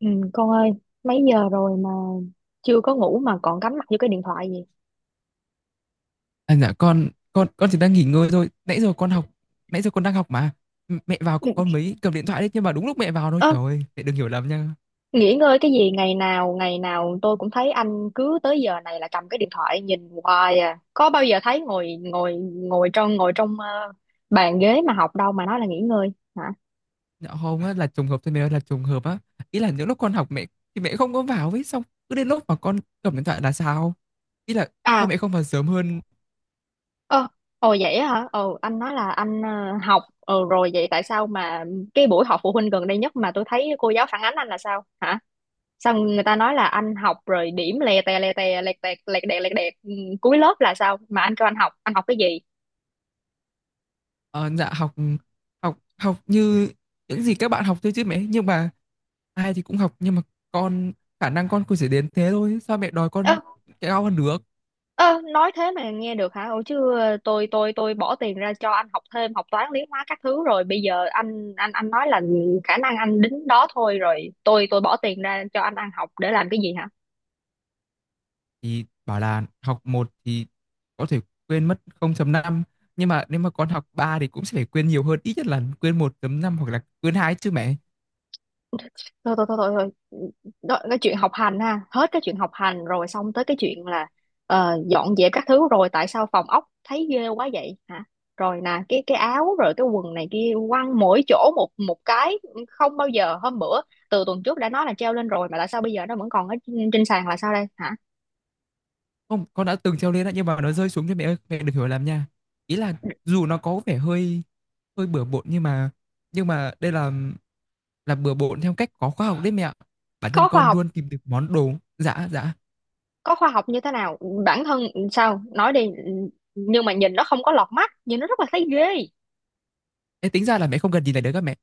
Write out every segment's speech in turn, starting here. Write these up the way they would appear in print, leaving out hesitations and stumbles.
Ừ, con ơi, mấy giờ rồi mà chưa có ngủ mà còn cắm mặt vô cái điện thoại gì? À, dạ con chỉ đang nghỉ ngơi thôi, nãy giờ con đang học mà. Mẹ vào Ừ, con mới cầm điện thoại đấy, nhưng mà đúng lúc mẹ vào thôi. ơ, Trời ơi, mẹ đừng hiểu lầm nha. Nghỉ ngơi cái gì, ngày nào tôi cũng thấy anh cứ tới giờ này là cầm cái điện thoại nhìn hoài à. Có bao giờ thấy ngồi ngồi ngồi trong ờ, bàn ghế mà học đâu mà nói là nghỉ ngơi hả? Dạ không á, là trùng hợp thôi mẹ ơi, là trùng hợp á. Ý là những lúc con học mẹ thì mẹ không có vào ấy, xong cứ đến lúc mà con cầm điện thoại là sao? Ý là sao À, mẹ không vào sớm hơn? ơ, Ồ vậy á hả? Ồ anh nói là anh học rồi vậy tại sao mà cái buổi họp phụ huynh gần đây nhất mà tôi thấy cô giáo phản ánh anh là sao hả? Xong người ta nói là anh học rồi điểm lè tè lè tè lè tè lè đẹt lè đẹt cuối lớp là sao mà anh kêu anh học cái gì? Ờ, dạ học, học như những gì các bạn học thôi chứ mẹ, nhưng mà ai thì cũng học, nhưng mà con khả năng con cũng chỉ đến thế thôi, sao mẹ đòi Ơ con cao hơn được? ơ Nói thế mà nghe được hả? Ủa chứ tôi bỏ tiền ra cho anh học thêm học toán lý hóa các thứ rồi bây giờ anh nói là khả năng anh đính đó thôi, rồi tôi bỏ tiền ra cho anh ăn học để làm cái gì hả? Thì bảo là học một thì có thể quên mất 0.5, nhưng mà nếu mà con học 3 thì cũng sẽ phải quên nhiều hơn, ít nhất là quên 1.5 hoặc là quên hai chứ mẹ. Thôi thôi thôi thôi thôi. Đó, cái chuyện học hành ha, hết cái chuyện học hành rồi xong tới cái chuyện là dọn dẹp các thứ, rồi tại sao phòng ốc thấy ghê quá vậy hả? Rồi nè, cái áo rồi cái quần này kia quăng mỗi chỗ một một cái, không bao giờ. Hôm bữa, từ tuần trước đã nói là treo lên rồi mà tại sao bây giờ nó vẫn còn ở trên trên sàn là sao đây hả? Không, con đã từng treo lên đó nhưng mà nó rơi xuống cho. Mẹ ơi mẹ đừng hiểu lầm nha, ý là dù nó có vẻ hơi hơi bừa bộn, nhưng mà đây là bừa bộn theo cách có khoa học đấy mẹ ạ. Bản thân Có khoa con học? luôn tìm được món đồ. Dạ, dạ. Có khoa học như thế nào? Bản thân sao, nói đi. Nhưng mà nhìn nó không có lọt mắt, nhìn nó rất là thấy ghê. Ê, tính ra là mẹ không cần gì này đấy các mẹ.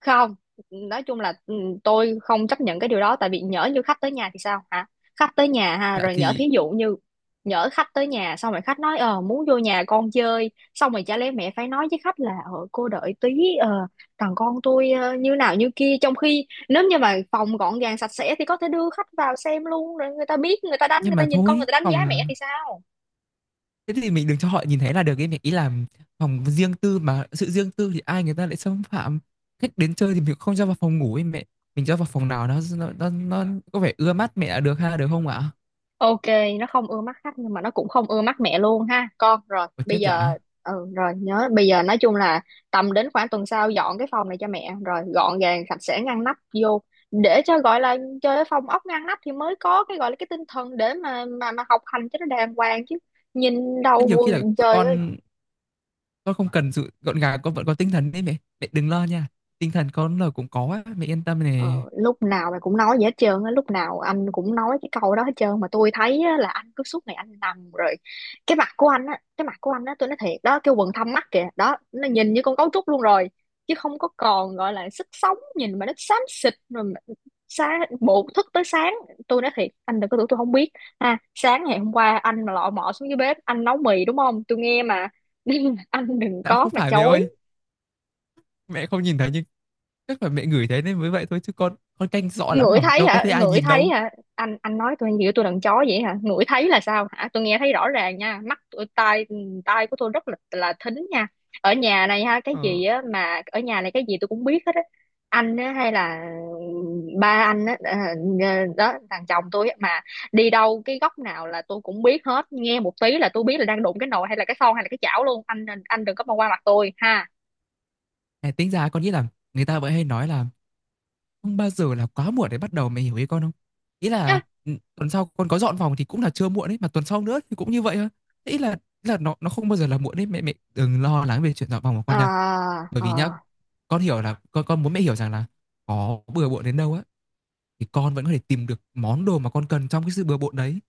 Không, nói chung là tôi không chấp nhận cái điều đó, tại vì nhỡ như khách tới nhà thì sao hả? Khách tới nhà ha, Dạ rồi nhỡ thì, thí dụ như nhỡ khách tới nhà, xong rồi khách nói ờ muốn vô nhà con chơi, xong rồi chả lẽ mẹ phải nói với khách là ờ cô đợi tí, ờ thằng con tôi như nào như kia, trong khi nếu như mà phòng gọn gàng sạch sẽ thì có thể đưa khách vào xem luôn, rồi người ta biết, người ta đánh, người nhưng ta mà nhìn con, người thôi ta đánh phòng. giá mẹ thì sao? Thế thì mình đừng cho họ nhìn thấy là được ấy, mình, ý là phòng riêng tư mà, sự riêng tư thì ai người ta lại xâm phạm. Khách đến chơi thì mình không cho vào phòng ngủ ấy mẹ, mình cho vào phòng nào nó có vẻ ưa mắt mẹ là được, ha, được không ạ? Ok, nó không ưa mắt khách nhưng mà nó cũng không ưa mắt mẹ luôn ha con. Rồi, Ôi bây chết dã. giờ ừ rồi nhớ, bây giờ nói chung là tầm đến khoảng tuần sau dọn cái phòng này cho mẹ, rồi gọn gàng sạch sẽ ngăn nắp vô, để cho gọi là chơi cái phòng ốc ngăn nắp thì mới có cái gọi là cái tinh thần để mà học hành cho nó đàng hoàng chứ. Nhìn Rất đầu nhiều khi là quần trời ơi. con con không cần sự gọn gàng, con vẫn có tinh thần đấy mẹ. Mẹ đừng lo nha, tinh thần con là cũng có á, mẹ yên tâm Ờ, nè. lúc nào mày cũng nói vậy hết trơn á, lúc nào anh cũng nói cái câu đó hết trơn, mà tôi thấy á, là anh cứ suốt ngày anh nằm rồi cái mặt của anh á cái mặt của anh á tôi nói thiệt đó, cái quầng thâm mắt kìa đó, nó nhìn như con cấu trúc luôn rồi, chứ không có còn gọi là sức sống, nhìn mà nó xám xịt rồi mà- sáng bộ thức tới sáng. Tôi nói thiệt, anh đừng có tưởng tôi không biết ha, sáng ngày hôm qua anh mà lọ mọ xuống dưới bếp anh nấu mì đúng không, tôi nghe mà nên là anh đừng Đã có không mà phải mẹ ơi, chối. mẹ không nhìn thấy nhưng chắc là mẹ ngửi thấy nên mới vậy thôi, chứ con canh rõ lắm Ngửi mà thấy đâu có hả? thấy ai Ngửi nhìn thấy đâu. hả? Anh nói tôi như tôi đàn chó vậy hả? Ngửi thấy là sao hả? Tôi nghe thấy rõ ràng nha, mắt tôi, tai tai của tôi rất là thính nha. Ở nhà này ha, cái Ờ. gì á mà ở nhà này cái gì tôi cũng biết hết á. Anh á, hay là ba anh á, đó, thằng chồng tôi á mà, đi đâu cái góc nào là tôi cũng biết hết, nghe một tí là tôi biết là đang đụng cái nồi hay là cái son hay là cái chảo luôn. Anh đừng có mà qua mặt tôi ha. À, tính ra con nghĩ là người ta vẫn hay nói là không bao giờ là quá muộn để bắt đầu, mày hiểu ý con không? Ý là, tuần sau con có dọn phòng thì cũng là chưa muộn đấy, mà tuần sau nữa thì cũng như vậy thôi. Ý là, nó không bao giờ là muộn đấy mẹ mẹ đừng lo lắng về chuyện dọn phòng của Ờ, con nha. Bởi ờ. vì nhá, con hiểu là con muốn mẹ hiểu rằng là có bừa bộn đến đâu á thì con vẫn có thể tìm được món đồ mà con cần trong cái sự bừa bộn đấy.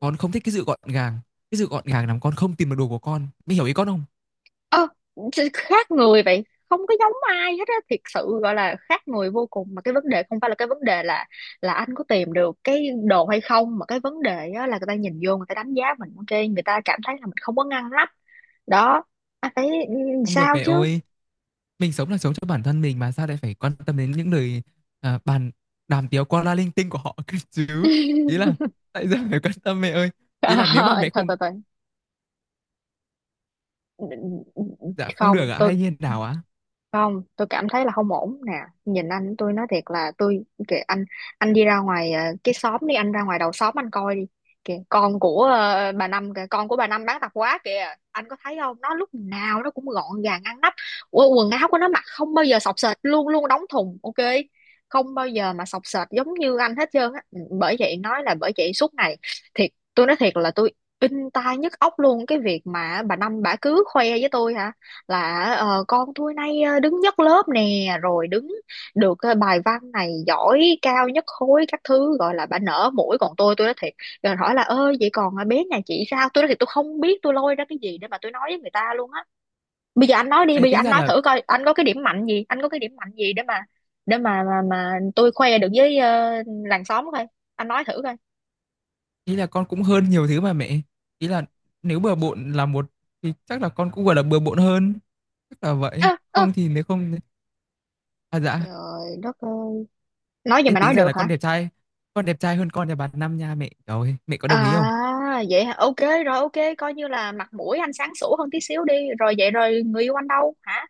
Con không thích cái sự gọn gàng, cái sự gọn gàng làm con không tìm được đồ của con, mẹ hiểu ý con không? Ơ, Khác người vậy, không có giống ai hết á, thiệt sự gọi là khác người vô cùng. Mà cái vấn đề không phải, là cái vấn đề là anh có tìm được cái đồ hay không, mà cái vấn đề á là người ta nhìn vô, người ta đánh giá mình ok, người ta cảm thấy là mình không có ngăn nắp. Đó, anh thấy Không được sao mẹ chứ? ơi. Mình sống là sống cho bản thân mình mà sao lại phải quan tâm đến những lời, bàn đàm tiếu qua la linh tinh của họ cơ chứ? Ý là tại sao phải quan tâm mẹ ơi? Ý à, là nếu mà mẹ thôi không, thôi thôi dạ không Không, được ạ, tôi hay như nào ạ? không, tôi cảm thấy là không ổn nè. Nhìn anh, tôi nói thiệt là tôi kìa anh. Anh đi ra ngoài cái xóm đi, anh ra ngoài đầu xóm anh coi đi, kìa con của bà Năm kìa, con của bà Năm bán tạp hóa kìa, anh có thấy không, nó lúc nào nó cũng gọn gàng ngăn nắp. Ủa, quần áo của nó mặc không bao giờ xộc xệch, luôn luôn đóng thùng ok, không bao giờ mà xộc xệch giống như anh hết trơn á. Ừ, bởi vậy nói là bởi vậy suốt ngày, thiệt tôi nói thiệt là tôi in tai nhức óc luôn cái việc mà bà Năm bà cứ khoe với tôi hả, là con tôi nay đứng nhất lớp nè, rồi đứng được bài văn này giỏi cao nhất khối các thứ, gọi là bà nở mũi, còn tôi nói thiệt, rồi hỏi là ơ vậy còn bé nhà chị sao, tôi nói thiệt tôi không biết tôi lôi ra cái gì để mà tôi nói với người ta luôn á. Bây giờ anh nói đi, Ê, bây giờ tính anh ra nói là, thử coi anh có cái điểm mạnh gì, anh có cái điểm mạnh gì để mà tôi khoe được với làng xóm coi, anh nói thử coi. ý là con cũng hơn nhiều thứ mà mẹ. Ý là nếu bừa bộn là một thì chắc là con cũng, gọi là, bừa bộn hơn, chắc là vậy. Ơ ơ Không thì nếu không, à, dạ, Trời đất ơi, nói gì ê, mà tính nói ra được là con hả? đẹp trai con đẹp trai hơn con nhà bà Năm nha mẹ. Rồi mẹ có đồng ý À không? vậy hả? Ok, rồi ok, coi như là mặt mũi anh sáng sủa hơn tí xíu đi. Rồi vậy rồi người yêu anh đâu hả?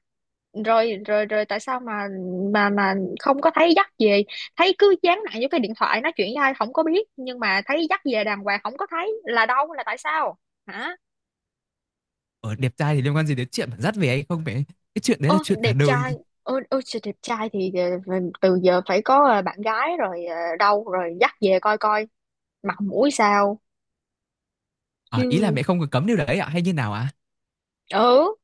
Rồi rồi rồi Tại sao mà mà mà không có thấy dắt về, thấy cứ dán nặng vô cái điện thoại nói chuyện với ai không có biết, nhưng mà thấy dắt về đàng hoàng không có thấy là đâu, là tại sao hả? Ở đẹp trai thì liên quan gì đến chuyện mà dắt về hay không mẹ? Cái chuyện đấy là Ô chuyện cả đẹp đời. trai, ô ô trời, đẹp trai thì ờ, từ giờ phải có bạn gái, rồi ờ, đâu rồi dắt về coi coi mặt mũi sao À, ý là chứ. mẹ không có cấm điều đấy ạ, hay như nào ạ? Ừ,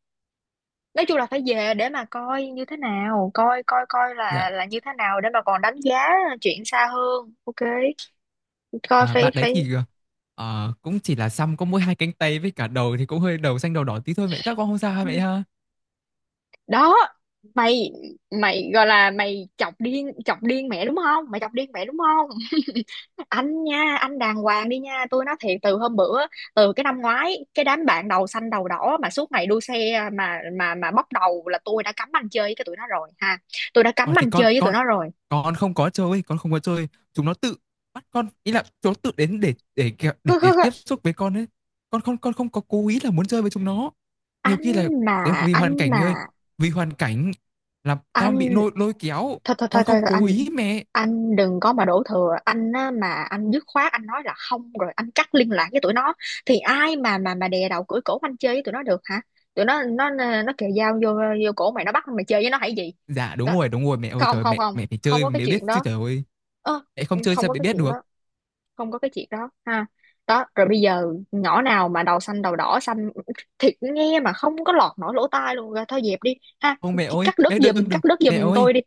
nói chung là phải về để mà coi như thế nào, coi coi coi Dạ, là như thế nào để mà còn đánh giá chuyện xa hơn ok, coi à, phải bạn đấy phải thì, cũng chỉ là xăm có mỗi hai cánh tay với cả đầu thì cũng hơi đầu xanh đầu đỏ tí thôi mẹ, chắc con không sao ha ừ, mẹ ha? đó. Mày mày gọi là mày chọc điên, chọc điên mẹ đúng không, mày chọc điên mẹ đúng không? Anh nha, anh đàng hoàng đi nha, tôi nói thiệt, từ hôm bữa, từ cái năm ngoái cái đám bạn đầu xanh đầu đỏ mà suốt ngày đua xe mà bóc đầu là tôi đã cấm anh chơi với cái tụi nó rồi ha, tôi đã cấm Còn thì anh con chơi với tụi con nó rồi. con không có chơi, con không có chơi, chúng nó tự bắt con, ý là chúng nó tự đến để kẹo để tiếp xúc với con ấy. Con không có cố ý là muốn chơi với chúng nó. Nhiều khi là anh mà đấy, vì hoàn anh cảnh mẹ mà ơi, vì hoàn cảnh là con anh bị lôi lôi kéo, thôi thôi con thôi thôi không thôi, anh cố ý mẹ. anh đừng có mà đổ thừa anh á, mà anh dứt khoát anh nói là không, rồi anh cắt liên lạc với tụi nó thì ai mà đè đầu cưỡi cổ anh chơi với tụi nó được hả? Tụi nó, nó kề dao vô vô cổ mày, nó bắt mày chơi với nó hay gì? Dạ Đó. Đúng rồi mẹ ơi, Không trời không mẹ, không mẹ phải Không chơi có cái mẹ biết chuyện chứ đó. trời ơi. Ơ, Mẹ không chơi không sao có mẹ cái biết chuyện được? đó, không có cái chuyện đó ha. Đó, rồi bây giờ nhỏ nào mà đầu xanh đầu đỏ xanh, thiệt nghe mà không có lọt nổi lỗ tai luôn, rồi thôi dẹp đi ha, Không mẹ ơi, cắt đứt mẹ đừng giùm, đừng cắt đứt Mẹ giùm ơi, tôi đi.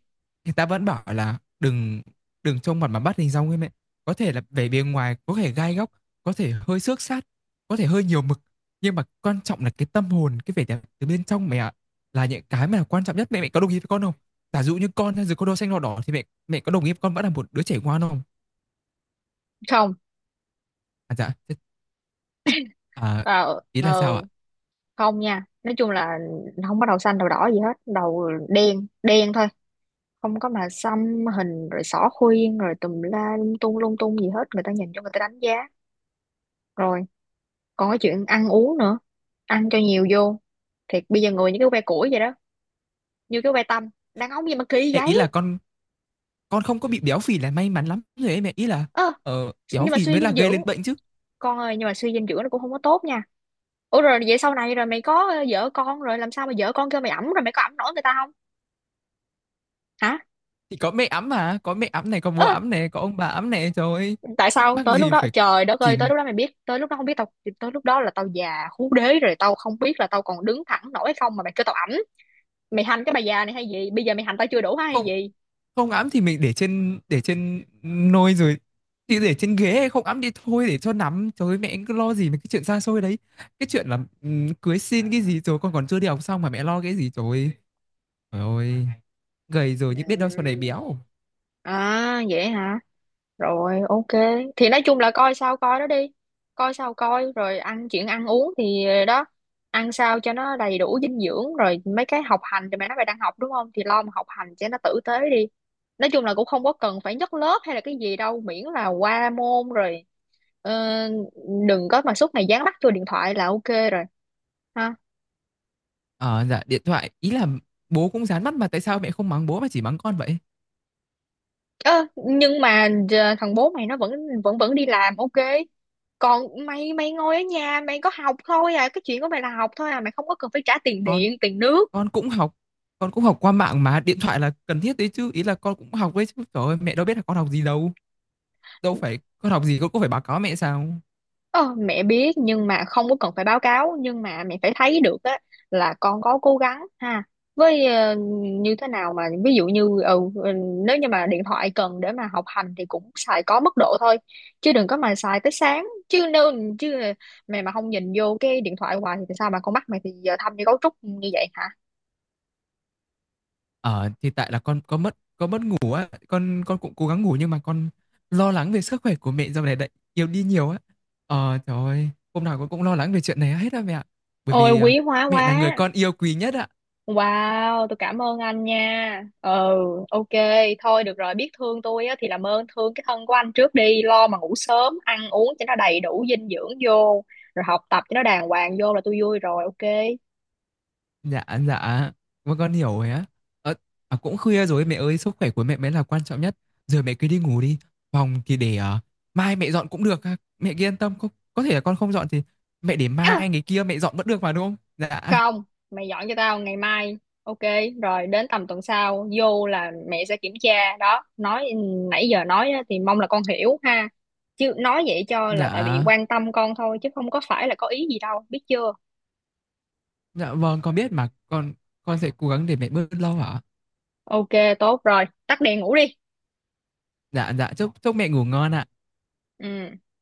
người ta vẫn bảo là đừng đừng trông mặt mà bắt hình dong ấy mẹ. Có thể là vẻ bề ngoài có thể gai góc, có thể hơi xước sát, có thể hơi nhiều mực, nhưng mà quan trọng là cái tâm hồn, cái vẻ đẹp từ bên trong mẹ ạ, là những cái mà là quan trọng nhất. Mẹ mẹ có đồng ý với con không? Giả dụ như con hay dù có đồ xanh đỏ đỏ thì mẹ mẹ có đồng ý với con vẫn là một đứa trẻ ngoan không? Không, À, dạ, à, tao ý là sao ạ? ờ, không nha, nói chung là không có đầu xanh đầu đỏ gì hết, đầu đen đen thôi, không có mà xăm hình rồi xỏ khuyên rồi tùm la lung tung gì hết, người ta nhìn cho người ta đánh giá. Rồi còn cái chuyện ăn uống nữa, ăn cho nhiều vô, thiệt bây giờ người như cái que củi vậy đó, như cái que tăm, đàn ông gì mà kỳ Ê, ý vậy. là con không có bị béo phì là may mắn lắm rồi ấy mẹ, ý là ơ béo nhưng mà phì suy mới là dinh gây dưỡng, lên bệnh chứ. con ơi, nhưng mà suy dinh dưỡng nó cũng không có tốt nha. Ủa rồi vậy sau này rồi mày có vợ con rồi làm sao mà vợ con kêu mày ẵm, rồi mày có ẵm nổi người ta không hả? Thì có mẹ ấm mà, có mẹ ấm này, có bố Ơ, ấm này, có ông bà ấm này, trời ơi. tại Thắc sao mắc tới lúc gì đó, phải trời đất chỉ, ơi, tới lúc đó mày biết, tới lúc đó không biết tao, tới lúc đó là tao già hú đế rồi, tao không biết là tao còn đứng thẳng nổi hay không mà mày kêu tao ẩm. Mày hành cái bà già này hay gì, bây giờ mày hành tao chưa đủ hả hay không gì? không ấm thì mình để trên, nôi rồi thì để trên ghế, không ấm đi thôi, để cho nằm. Trời ơi mẹ cứ lo gì mấy cái chuyện xa xôi đấy. Cái chuyện là cưới xin cái gì rồi, con còn chưa đi học xong mà mẹ lo cái gì trời ơi. Trời ơi, gầy rồi nhưng biết đâu sau này Ừ. béo. À vậy hả? Rồi ok, thì nói chung là coi sao coi đó đi, coi sao coi, rồi ăn, chuyện ăn uống thì đó, ăn sao cho nó đầy đủ dinh dưỡng. Rồi mấy cái học hành thì mày nói mày đang học đúng không, thì lo mà học hành cho nó tử tế đi, nói chung là cũng không có cần phải nhất lớp hay là cái gì đâu, miễn là qua môn rồi. Ờ, đừng có mà suốt ngày dán mắt vô điện thoại là ok. Rồi ha. Ờ, dạ điện thoại ý là bố cũng dán mắt mà, tại sao mẹ không mắng bố mà chỉ mắng con vậy? Ơ, nhưng mà giờ thằng bố mày nó vẫn vẫn vẫn đi làm ok, còn mày, mày ngồi ở nhà mày có học thôi à, cái chuyện của mày là học thôi à, mày không có cần phải trả tiền Con điện tiền nước. con cũng học, con cũng học qua mạng mà điện thoại là cần thiết đấy chứ, ý là con cũng học đấy chứ. Trời ơi, mẹ đâu biết là con học gì đâu. Đâu phải con học gì con cũng phải báo cáo mẹ sao? Ờ, mẹ biết nhưng mà không có cần phải báo cáo, nhưng mà mẹ phải thấy được á là con có cố gắng ha, với như thế nào mà ví dụ như nếu như mà điện thoại cần để mà học hành thì cũng xài có mức độ thôi, chứ đừng có mà xài tới sáng. Nếu chứ mày mà không nhìn vô cái điện thoại hoài thì sao mà con mắt mày thì giờ thâm như cấu trúc như vậy hả? Ờ thì tại là con mất ngủ á, con cũng cố gắng ngủ nhưng mà con lo lắng về sức khỏe của mẹ dạo này lại yếu đi nhiều á. Ờ trời ơi, hôm nào con cũng lo lắng về chuyện này hết á mẹ ạ. Bởi Ôi vì quý hóa mẹ là quá. người con yêu quý nhất ạ. Wow, tôi cảm ơn anh nha. Ừ, ok, thôi được rồi, biết thương tôi á, thì làm ơn thương cái thân của anh trước đi, lo mà ngủ sớm, ăn uống cho nó đầy đủ dinh dưỡng vô, rồi học tập cho nó đàng hoàng vô là tôi vui rồi, ok. Dạ, dạ, con hiểu rồi á. Ờ, à, cũng khuya rồi mẹ ơi, sức khỏe của mẹ mới là quan trọng nhất. Giờ mẹ cứ đi ngủ đi. Phòng thì để mai mẹ dọn cũng được ha. Mẹ cứ yên tâm, có thể là con không dọn thì mẹ để À, mai ngày kia mẹ dọn vẫn được mà đúng không? Dạ, không, mày dọn cho tao ngày mai, ok, rồi đến tầm tuần sau, vô là mẹ sẽ kiểm tra, đó, nói nãy giờ nói á, thì mong là con hiểu ha. Chứ nói vậy cho là tại vì dạ, quan tâm con thôi, chứ không có phải là có ý gì đâu, biết chưa? dạ vâng, con biết mà. Con sẽ cố gắng để mẹ bớt lâu hả? Ok, tốt rồi, tắt đèn ngủ đi. Dạ, dạ, chúc chúc mẹ ngủ ngon ạ. Ừ.